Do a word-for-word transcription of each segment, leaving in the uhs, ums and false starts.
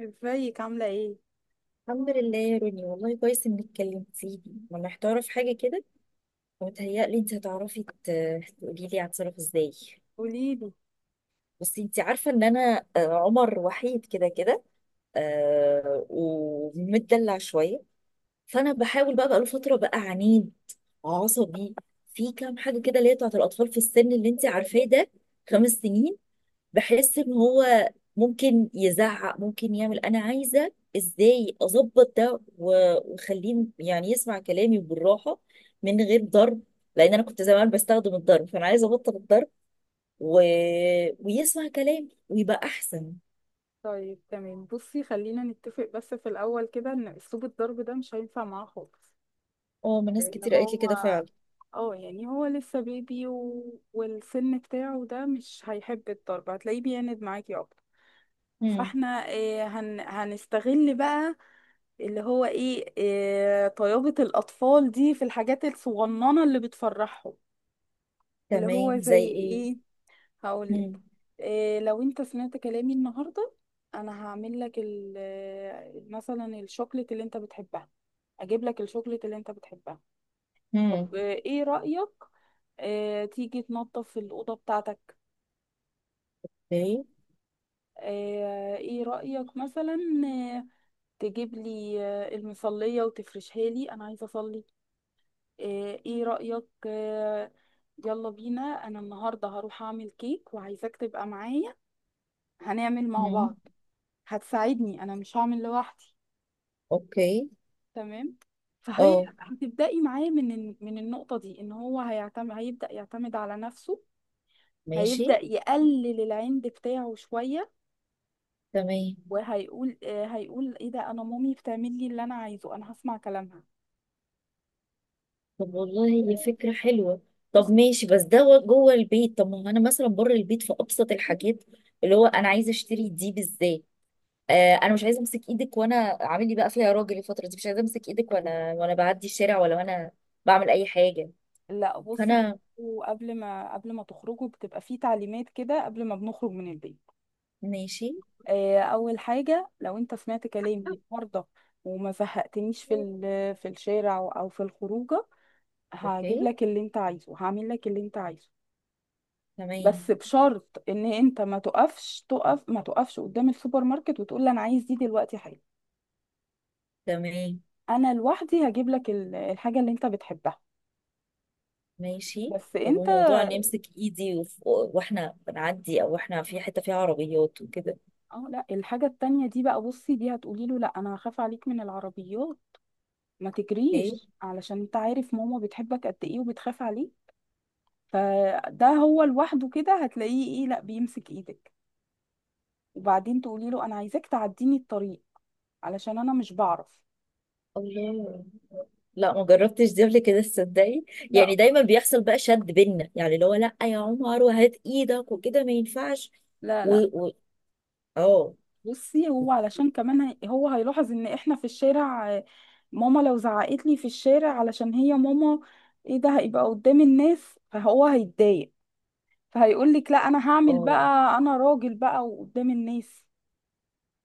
ازيك عاملة ايه؟ الحمد لله يا روني، والله كويس انك كلمتيني. انا محتاره في حاجه كده، ومتهيألي انت هتعرفي ت- تقولي لي هتصرف ازاي. قوليلي. بس انت عارفه ان انا آه، عمر وحيد كده كده، آه، ومتدلع شويه. فانا بحاول بقى بقى له فتره بقى عنيد عصبي في كام حاجه كده اللي هي بتاعت الاطفال في السن اللي انت عارفاه ده. خمس سنين. بحس ان هو ممكن يزعق ممكن يعمل. انا عايزه ازاي اظبط ده و- واخليه يعني يسمع كلامي بالراحه، من غير ضرب، لان انا كنت زمان بستخدم الضرب، فانا عايزه ابطل الضرب و... ويسمع كلامي ويبقى احسن. طيب تمام، بصي خلينا نتفق بس في الأول كده ان اسلوب الضرب ده مش هينفع معاه خالص. اه، ما ناس لأن كتير قالت لي هو كده فعلا. اه يعني هو لسه بيبي و... والسن بتاعه ده مش هيحب الضرب، هتلاقيه بيعند معاكي اكتر. مم. فاحنا إيه، هن... هنستغل بقى اللي هو ايه, إيه طيابة الأطفال دي في الحاجات الصغننة اللي بتفرحهم. اللي تمام، هو زي زي ايه؟ ايه، هقول مم. لك. إيه، لو انت سمعت كلامي النهارده انا هعمل لك ال- آه، مثلا الشوكليت اللي انت بتحبها، اجيب لك الشوكليت اللي انت بتحبها. مم. طب آه، ايه رأيك، آه، تيجي تنظف الأوضة بتاعتك. اوكي. آه، ايه رأيك مثلا، آه، تجيب لي آه، المصلية وتفرشها، لي انا عايزة اصلي. آه، ايه رأيك، آه، يلا بينا انا النهارده هروح اعمل كيك وعايزاك تبقى معايا، هنعمل مع مم. بعض، هتساعدني انا مش هعمل لوحدي. اوكي. تمام، فهي اه، هتبدأي معاه من الن- من النقطة دي ان هو هيعتمد هيبدأ يعتمد على نفسه، ماشي. هيبدأ يقلل العند بتاعه شوية، تمام. وهيقول آه، هيقول ايه ده، انا مامي بتعمل لي اللي انا عايزه، انا هسمع كلامها. طب والله هي فكرة حلوة. طب بصي. ماشي، بس ده و- جوه البيت. طب ما هو انا مثلا بره البيت في ابسط الحاجات اللي هو انا عايزة اشتري دي بالذات. آه، انا مش عايزة امسك ايدك وانا عامل لي بقى فيها راجل الفترة دي، مش عايزة امسك ايدك وانا وانا بعدي الشارع، ولا وانا بعمل اي حاجة. لا بصي، فانا وقبل ما قبل ما تخرجوا بتبقى في تعليمات كده قبل ما بنخرج من البيت. ماشي. آه، اول حاجه، لو انت سمعت كلامي النهارده وما زهقتنيش في ال- في الشارع او في الخروجه، هجيب اوكي. لك اللي انت عايزه، هعمل لك اللي انت عايزه. بس تمام. بشرط ان انت ما تقفش تقف ما تقفش قدام السوبر ماركت وتقول لي انا عايز دي دلوقتي حالا. تمام. انا لوحدي هجيب لك ال- الحاجه اللي انت بتحبها. ماشي. بس طب انت. وموضوع ان امسك ايدي وف- واحنا بنعدي، او احنا في حتة فيها عربيات وكده؟ اه لا، الحاجه التانية دي بقى، بصي دي هتقولي له لا انا هخاف عليك من العربيات، ما اوكي. تجريش علشان انت عارف ماما بتحبك قد ايه وبتخاف عليك. فده هو لوحده كده هتلاقيه ايه، لا بيمسك ايدك. وبعدين تقولي له انا عايزاك تعديني الطريق علشان انا مش بعرف. الله، لا ما جربتش دي قبل كده تصدقي. يعني لا. دايما بيحصل بقى شد بينا، يعني اللي هو لا يا عمر وهات ايدك وكده، ما ينفعش. لا. و لا و اه. بصي، هو علشان كمان هي- هو هيلاحظ ان احنا في الشارع. آه، ماما لو زعقت لي في الشارع علشان هي ماما، ايه ده هيبقى قدام الناس فهو هيتضايق، فهيقول لك لا انا هعمل اه، بقى انا راجل بقى وقدام الناس.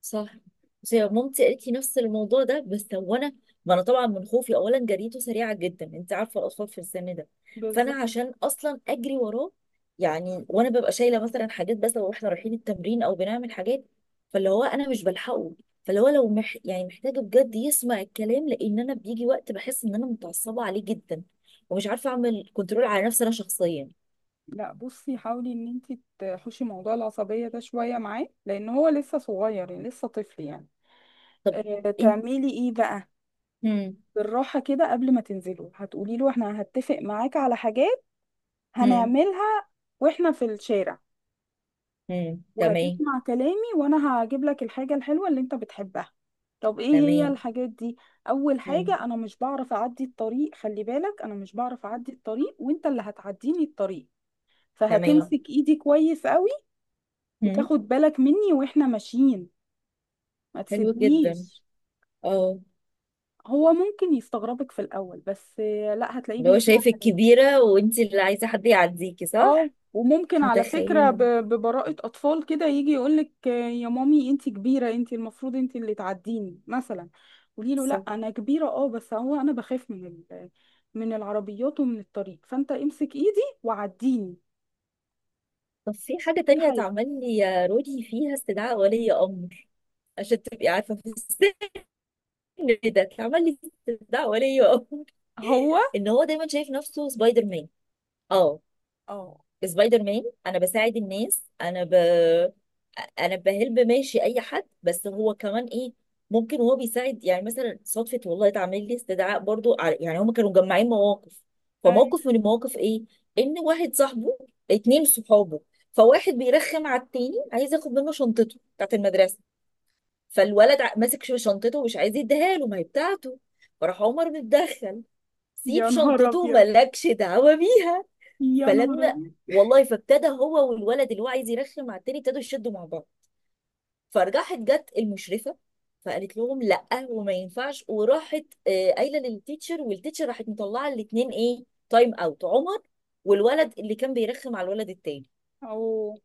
صح. بس هي مامتي قالت لي نفس الموضوع ده، بس وانا، ما انا طبعا من خوفي اولا جريته سريعه جدا، انت عارفه الاطفال في السن ده. فانا بالظبط. عشان اصلا اجري وراه، يعني وانا ببقى شايله مثلا حاجات، بس لو احنا رايحين التمرين او بنعمل حاجات، فاللي هو انا مش بلحقه. فاللي هو لو مح... يعني محتاجه بجد يسمع الكلام، لان انا بيجي وقت بحس ان انا متعصبه عليه جدا، ومش عارفه اعمل كنترول على نفسي انا شخصيا. لا بصي، حاولي ان انت تحوشي موضوع العصبية ده شوية معاه لان هو لسه صغير يعني لسه طفل يعني. طب. آه، انت. تعملي ايه بقى. هم. بالراحة كده قبل ما تنزلوا هتقولي له احنا هتفق معاك على حاجات هم. هنعملها واحنا في الشارع، هم، تمام. وهتسمع كلامي وانا هجيب لك الحاجة الحلوة اللي انت بتحبها. طب ايه هي تمام. الحاجات دي. اول هم. حاجة، انا مش بعرف اعدي الطريق، خلي بالك انا مش بعرف اعدي الطريق وانت اللي هتعديني الطريق، تمام. فهتمسك ايدي كويس قوي هم. وتاخد بالك مني واحنا ماشيين، ما حلو جدا. تسيبنيش. اه. هو ممكن يستغربك في الاول بس لا هتلاقيه اللي هو بيسمع شايفك كلامي. كبيرة وانت اللي عايزة حد يعديكي، اه، صح؟ وممكن على فكرة ب- متخيلة. ببراءة أطفال كده يجي يقولك آه، يا مامي انتي كبيرة، انتي المفروض انتي اللي تعديني مثلا. قولي له لا صح. أنا كبيرة اه بس هو أنا بخاف من ال- من العربيات ومن الطريق فأنت امسك إيدي وعديني. طب في حاجة دي تانية حاجة. اتعمل لي يا رودي فيها استدعاء ولي أمر. عشان تبقي عارفة في السن ده. اتعمل لي استدعاء ولي أمر. هو ان هو دايما شايف نفسه سبايدر مان. اه. اه، سبايدر مان. انا بساعد الناس. انا ب... انا بهلب ماشي اي حد. بس هو كمان ايه، ممكن وهو بيساعد يعني، مثلا صدفه والله اتعمل لي استدعاء برضو على، يعني هم كانوا مجمعين مواقف. أي. فموقف من المواقف ايه، ان واحد صاحبه، اتنين صحابه، فواحد بيرخم على التاني عايز ياخد منه شنطته بتاعت المدرسه، فالولد ع- ماسك ش- شنطته ومش عايز يديها له، ما هي بتاعته. فراح عمر متدخل، سيب يا نهار شنطته أبيض، مالكش دعوه بيها. يا نهار فلما، أبيض. والله، فابتدى هو والولد اللي هو عايز يرخم على التاني ابتدوا يشدوا مع بعض. فراحت جت المشرفه، فقالت لهم لا وما ينفعش، وراحت آه، قايله للتيتشر، والتيتشر راحت مطلعه الاثنين ايه، تايم اوت عمر والولد اللي كان بيرخم على الولد التاني. أو.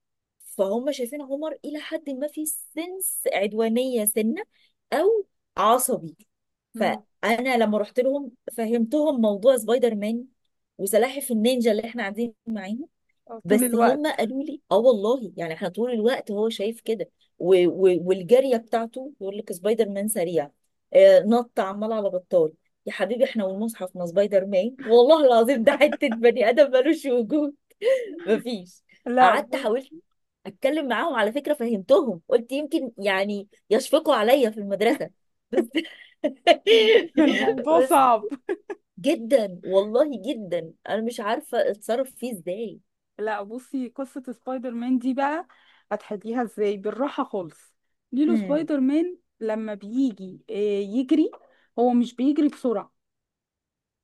فهم شايفين عمر الى حد ما في سنس عدوانيه سنه، او عصبي. مم. فانا لما رحت لهم فهمتهم موضوع سبايدر مان وسلاحف النينجا اللي احنا قاعدين معاه. آه، طول بس هم الوقت. قالوا لي اه والله، يعني احنا طول الوقت هو شايف كده، و... و... والجاريه بتاعته يقول لك سبايدر مان سريع، آه نط عمال على بطال. يا حبيبي احنا والمصحف، ما سبايدر مان والله العظيم ده حته بني ادم ملوش وجود. مفيش. لا قعدت بص، حاولت اتكلم معاهم على فكره، فهمتهم، قلت يمكن يعني يشفقوا عليا في المدرسه، بس الموضوع بس صعب. جدا والله جدا انا مش عارفه اتصرف فيه ازاي. لا بصي، قصة سبايدر مان دي بقى هتحليها ازاي بالراحة خالص. ليلو هم. سبايدر مان لما بيجي آه، يجري، هو مش بيجري بسرعة،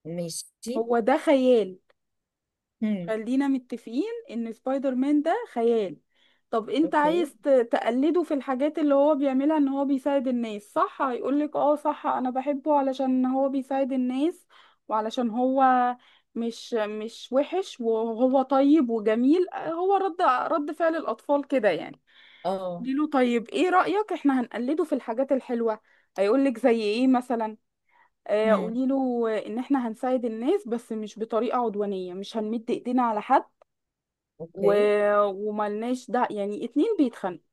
ماشي. هو ده خيال. هم. خلينا متفقين ان سبايدر مان ده خيال. طب انت اوكي. عايز ت- تقلده في الحاجات اللي هو بيعملها ان هو بيساعد الناس، صح، هيقولك اه صح انا بحبه علشان هو بيساعد الناس وعلشان هو مش مش وحش وهو طيب وجميل. هو رد رد فعل الاطفال كده يعني. اه. له طيب ايه رأيك احنا هنقلده في الحاجات الحلوة، هيقولك زي ايه مثلا. آه، هم. قوليله ان احنا هنساعد الناس بس مش بطريقة عدوانية، مش هنمد ايدينا على حد. و... اوكي. وملناش ده يعني اتنين بيتخانقوا،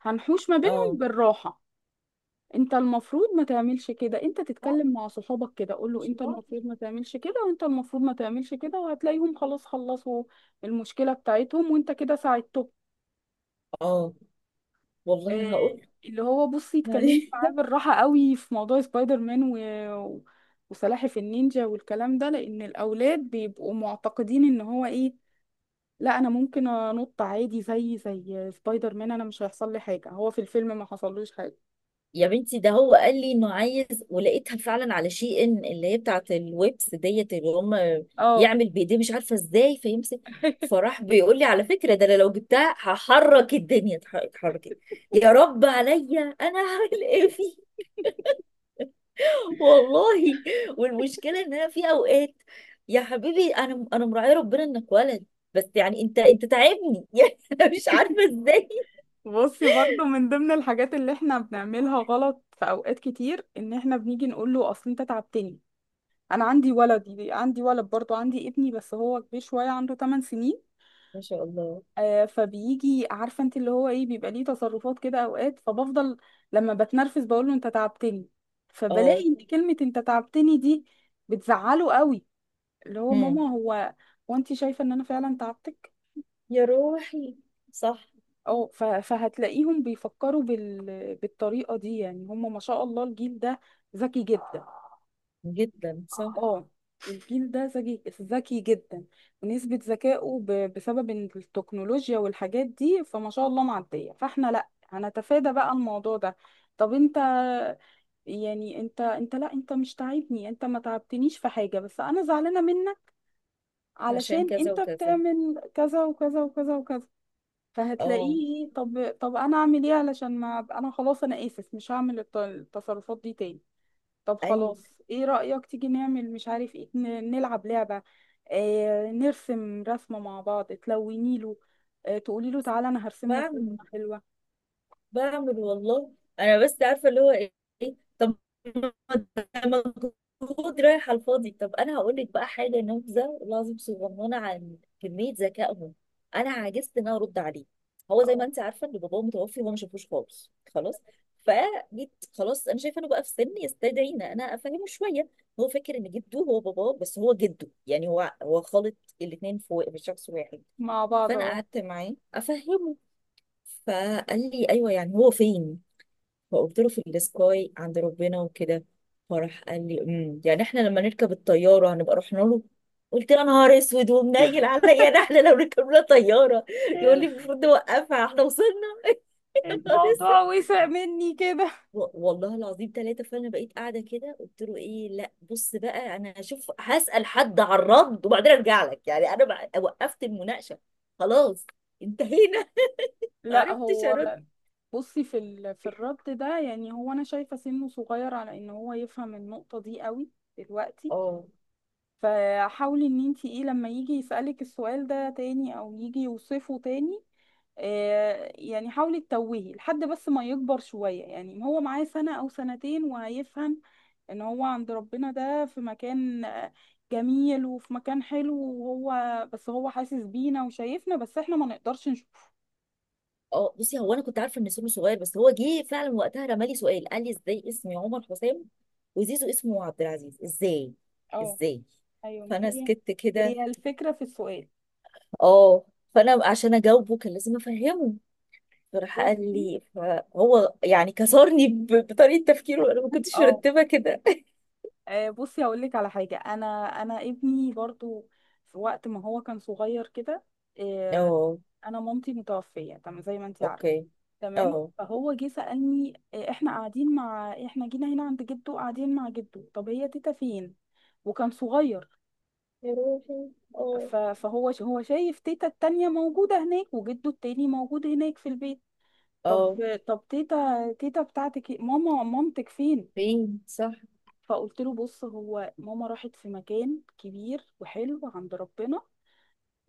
هنحوش ما بينهم اه. بالراحة. انت المفروض ما تعملش كده، انت تتكلم مع صحابك كده قول له انت المفروض ما تعملش كده وانت المفروض ما تعملش كده، وهتلاقيهم خلاص خلصوا المشكلة بتاعتهم وانت كده ساعدته. اه والله آه، هقول. اللي هو بصي اتكلمي يعني معاه بالراحة قوي في موضوع سبايدر مان و... و- وسلاحف النينجا والكلام ده، لان الاولاد بيبقوا معتقدين ان هو ايه، لا انا ممكن انط عادي زي زي سبايدر مان، انا مش هيحصل لي حاجه هو في الفيلم ما حصلوش حاجه. يا بنتي، ده هو قال لي انه عايز، ولقيتها فعلا على شي ان اللي هي بتاعت الويبس ديت اللي هم اه يعمل بايديه مش عارفه ازاي فيمسك، فراح بيقول لي على فكره ده أنا لو جبتها هحرك الدنيا اتحركت. يا رب عليا انا هعمل ايه؟ والله. والمشكله ان انا في اوقات، يا حبيبي انا انا مراعيه ربنا انك ولد، بس يعني انت انت تعبني. يعني انا مش عارفه ازاي. بصي، برضو من ضمن الحاجات اللي احنا بنعملها غلط في اوقات كتير ان احنا بنيجي نقول له اصل انت تعبتني. انا عندي ولد عندي ولد برضو عندي ابني بس هو كبير شويه، عنده 8 سنين. ما شاء الله. آه فبيجي عارفه انت اللي هو ايه بيبقى ليه تصرفات كده اوقات، فبفضل لما بتنرفز بقول له انت تعبتني، فبلاقي اه. ان كلمه انت تعبتني دي بتزعله قوي. اللي هو هم. ماما، هو، وانت شايفة ان انا فعلا تعبتك. يا روحي. صح. اه، ف- فهتلاقيهم بيفكروا بال... بالطريقة دي. يعني هم ما شاء الله الجيل ده ذكي جدا. جدا صح. اه، الجيل ده ذكي ذكي جدا، ونسبة ذكائه ب... بسبب إن التكنولوجيا والحاجات دي فما شاء الله معدية، فاحنا لا هنتفادى بقى الموضوع ده. طب انت، يعني انت انت لا انت مش تعبني، انت ما تعبتنيش في حاجة، بس انا زعلانة منك عشان علشان كذا انت وكذا. بتعمل كذا وكذا وكذا وكذا. اه. فهتلاقيه إيه، طب طب انا اعمل ايه علشان ما أبقى- انا خلاص انا اسف مش هعمل الت- التصرفات دي تاني. طب ايوه. خلاص، ايه رأيك تيجي نعمل مش عارف ايه، ن- نلعب لعبة. آه نرسم رسمة مع بعض تلوني له. آه تقولي له تعالى انا هرسم لك بعمل رسمة حلوة. بعمل والله. انا بس عارفه اللي هو ايه. طب ما ده مجهود رايح على الفاضي. طب انا هقول لك بقى حاجه نبذه والله العظيم صغننه عن كميه ذكائهم. انا عجزت ان انا ارد عليه. هو زي ما اه انت عارفه ان باباه متوفي وهو ما شافوش خالص، خلاص. فجيت، خلاص انا شايفه انه بقى في سن يستدعي ان انا افهمه شويه. هو فاكر ان جده هو باباه، بس هو جده، يعني هو هو خالط الاثنين في في شخص واحد. مع بعض. فانا اه قعدت معاه افهمه. فقال لي ايوه، يعني هو فين؟ فقلت له في السكاي عند ربنا وكده. فراح قال لي امم يعني احنا لما نركب الطياره هنبقى رحنا له؟ قلت له يا نهار اسود ومنيل عليا، ده احنا لو ركبنا طياره يقول لي المفروض نوقفها احنا وصلنا. يا نهار الموضوع اسود. وسع مني كده. و- والله العظيم ثلاثه. فانا بقيت قاعده كده قلت له ايه، لا بص بقى، انا هشوف هسال حد على الرد وبعدين ارجع لك. يعني انا بقى- وقفت المناقشه. خلاص. انتهينا. ما لا عرفتش هو ارد. بصي في ال... في الرد ده، يعني هو انا شايفة سنه صغير على ان هو يفهم النقطة دي قوي دلوقتي. اه. فحاولي ان انت ايه لما يجي يسألك السؤال ده تاني او يجي يوصفه تاني، آه، يعني حاولي تتوهي لحد بس ما يكبر شوية، يعني هو معاه سنة او سنتين وهيفهم ان هو عند ربنا ده في مكان آه، جميل، وفي مكان حلو، وهو بس هو حاسس بينا وشايفنا بس احنا ما نقدرش نشوفه. اه، بصي هو انا كنت عارفه ان سمو صغير، بس هو جه فعلا وقتها رمالي سؤال قال لي ازاي اسمي عمر حسام وزيزو اسمه عبد العزيز ازاي. اه ازاي. ايوه ما فانا هي، سكت كده. هي الفكرة في السؤال. اه. فانا عشان اجاوبه كان لازم افهمه. فراح قال بصي. لي، فهو يعني كسرني ب- بطريقه تفكيره، انا ما كنتش اه. مرتبه كده. آه، بصي هقول لك على حاجه. انا انا ابني برضو في وقت ما هو كان صغير كده، آه، اه. انا مامتي متوفيه تمام زي ما انت عارفه. اوكي. تمام، اه. فهو جه سالني آه، احنا قاعدين مع احنا جينا هنا عند جده قاعدين مع جده، طب هي تيتا فين. وكان صغير. يا روحي. اه. ف- فهو ش- هو شايف تيتا التانية موجوده هناك وجده التاني موجود هناك في البيت. طب، اه، طب تيتا تيتا بتاعتك إيه؟ ماما، مامتك فين. فين؟ صح. فقلت له بص هو ماما راحت في مكان كبير وحلو عند ربنا،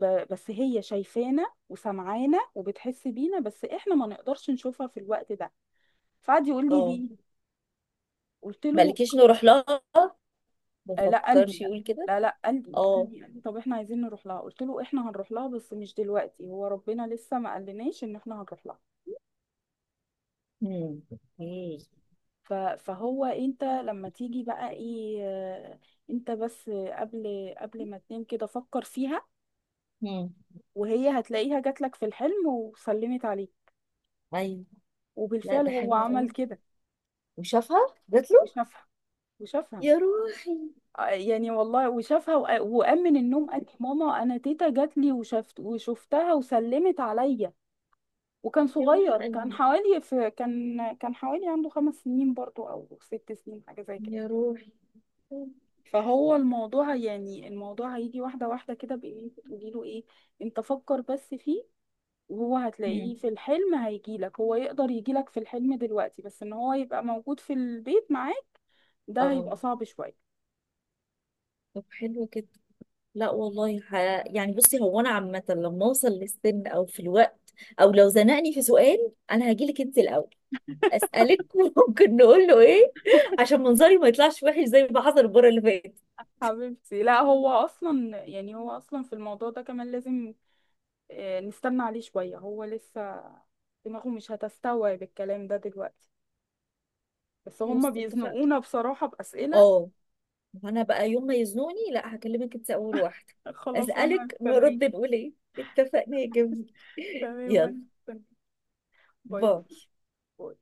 ب- بس هي شايفانا وسمعانا وبتحس بينا بس احنا ما نقدرش نشوفها في الوقت ده. فقعد يقول لي اه. ليه. قلت له مالكيش نروح لها. ما آه، لا قال لي فكرش لا. يقول كده. لا لا، قال لي قال اه. لي قال لي طب احنا عايزين نروح لها. قلت له احنا هنروح لها بس مش دلوقتي، هو ربنا لسه ما قالناش ان احنا هنروح لها. امم. ايه. ف- فهو انت لما تيجي بقى ايه، آه، انت بس قبل قبل ما تنام كده فكر فيها، امم. وهي هتلاقيها جاتلك في الحلم وسلمت عليه. ايوه. لا وبالفعل ده هو حلو عمل قوي. كده، وشافها جات له. وشافها، وشافها. يا روحي. آه، يعني والله وشافها، وق- وقام من النوم قال لي، ماما انا تيتا جات لي، وشفت وشفتها وسلمت عليا. وكان يا روح صغير، كان قلبي. حوالي في كان كان حوالي عنده خمس سنين برضو او ست سنين حاجه زي كده. يا روحي. فهو الموضوع يعني الموضوع هيجي واحده واحده كده، بان انت تقولي له ايه، انت فكر بس فيه، وهو امم. هتلاقيه في الحلم هيجيلك، هو يقدر يجيلك في الحلم دلوقتي بس ان هو يبقى موجود في البيت معاك ده اه، هيبقى صعب شوية. طب حلو كده. لا والله ح... يعني بصي، هو انا عامه لما اوصل للسن او في الوقت، او لو زنقني في سؤال، انا هجيلك انت الاول اسالك وممكن نقول له ايه، عشان منظري ما يطلعش وحش زي ما حصل المره اللي فاتت. حبيبتي لا، هو اصلا يعني هو اصلا في الموضوع ده كمان لازم آه، نستنى عليه شوية، هو لسه دماغه مش هتستوعب الكلام ده دلوقتي. بس هما خلاص اتفقنا. بيزنقونا بصراحة بأسئلة. اه. وانا بقى يوم ما يزنوني، لا هكلمك انت اول واحده خلاص انا اسالك هستناك. نرد نقول ايه. اتفقنا يا جميل. تمام يلا وانا هستناك. باي. باي. باي.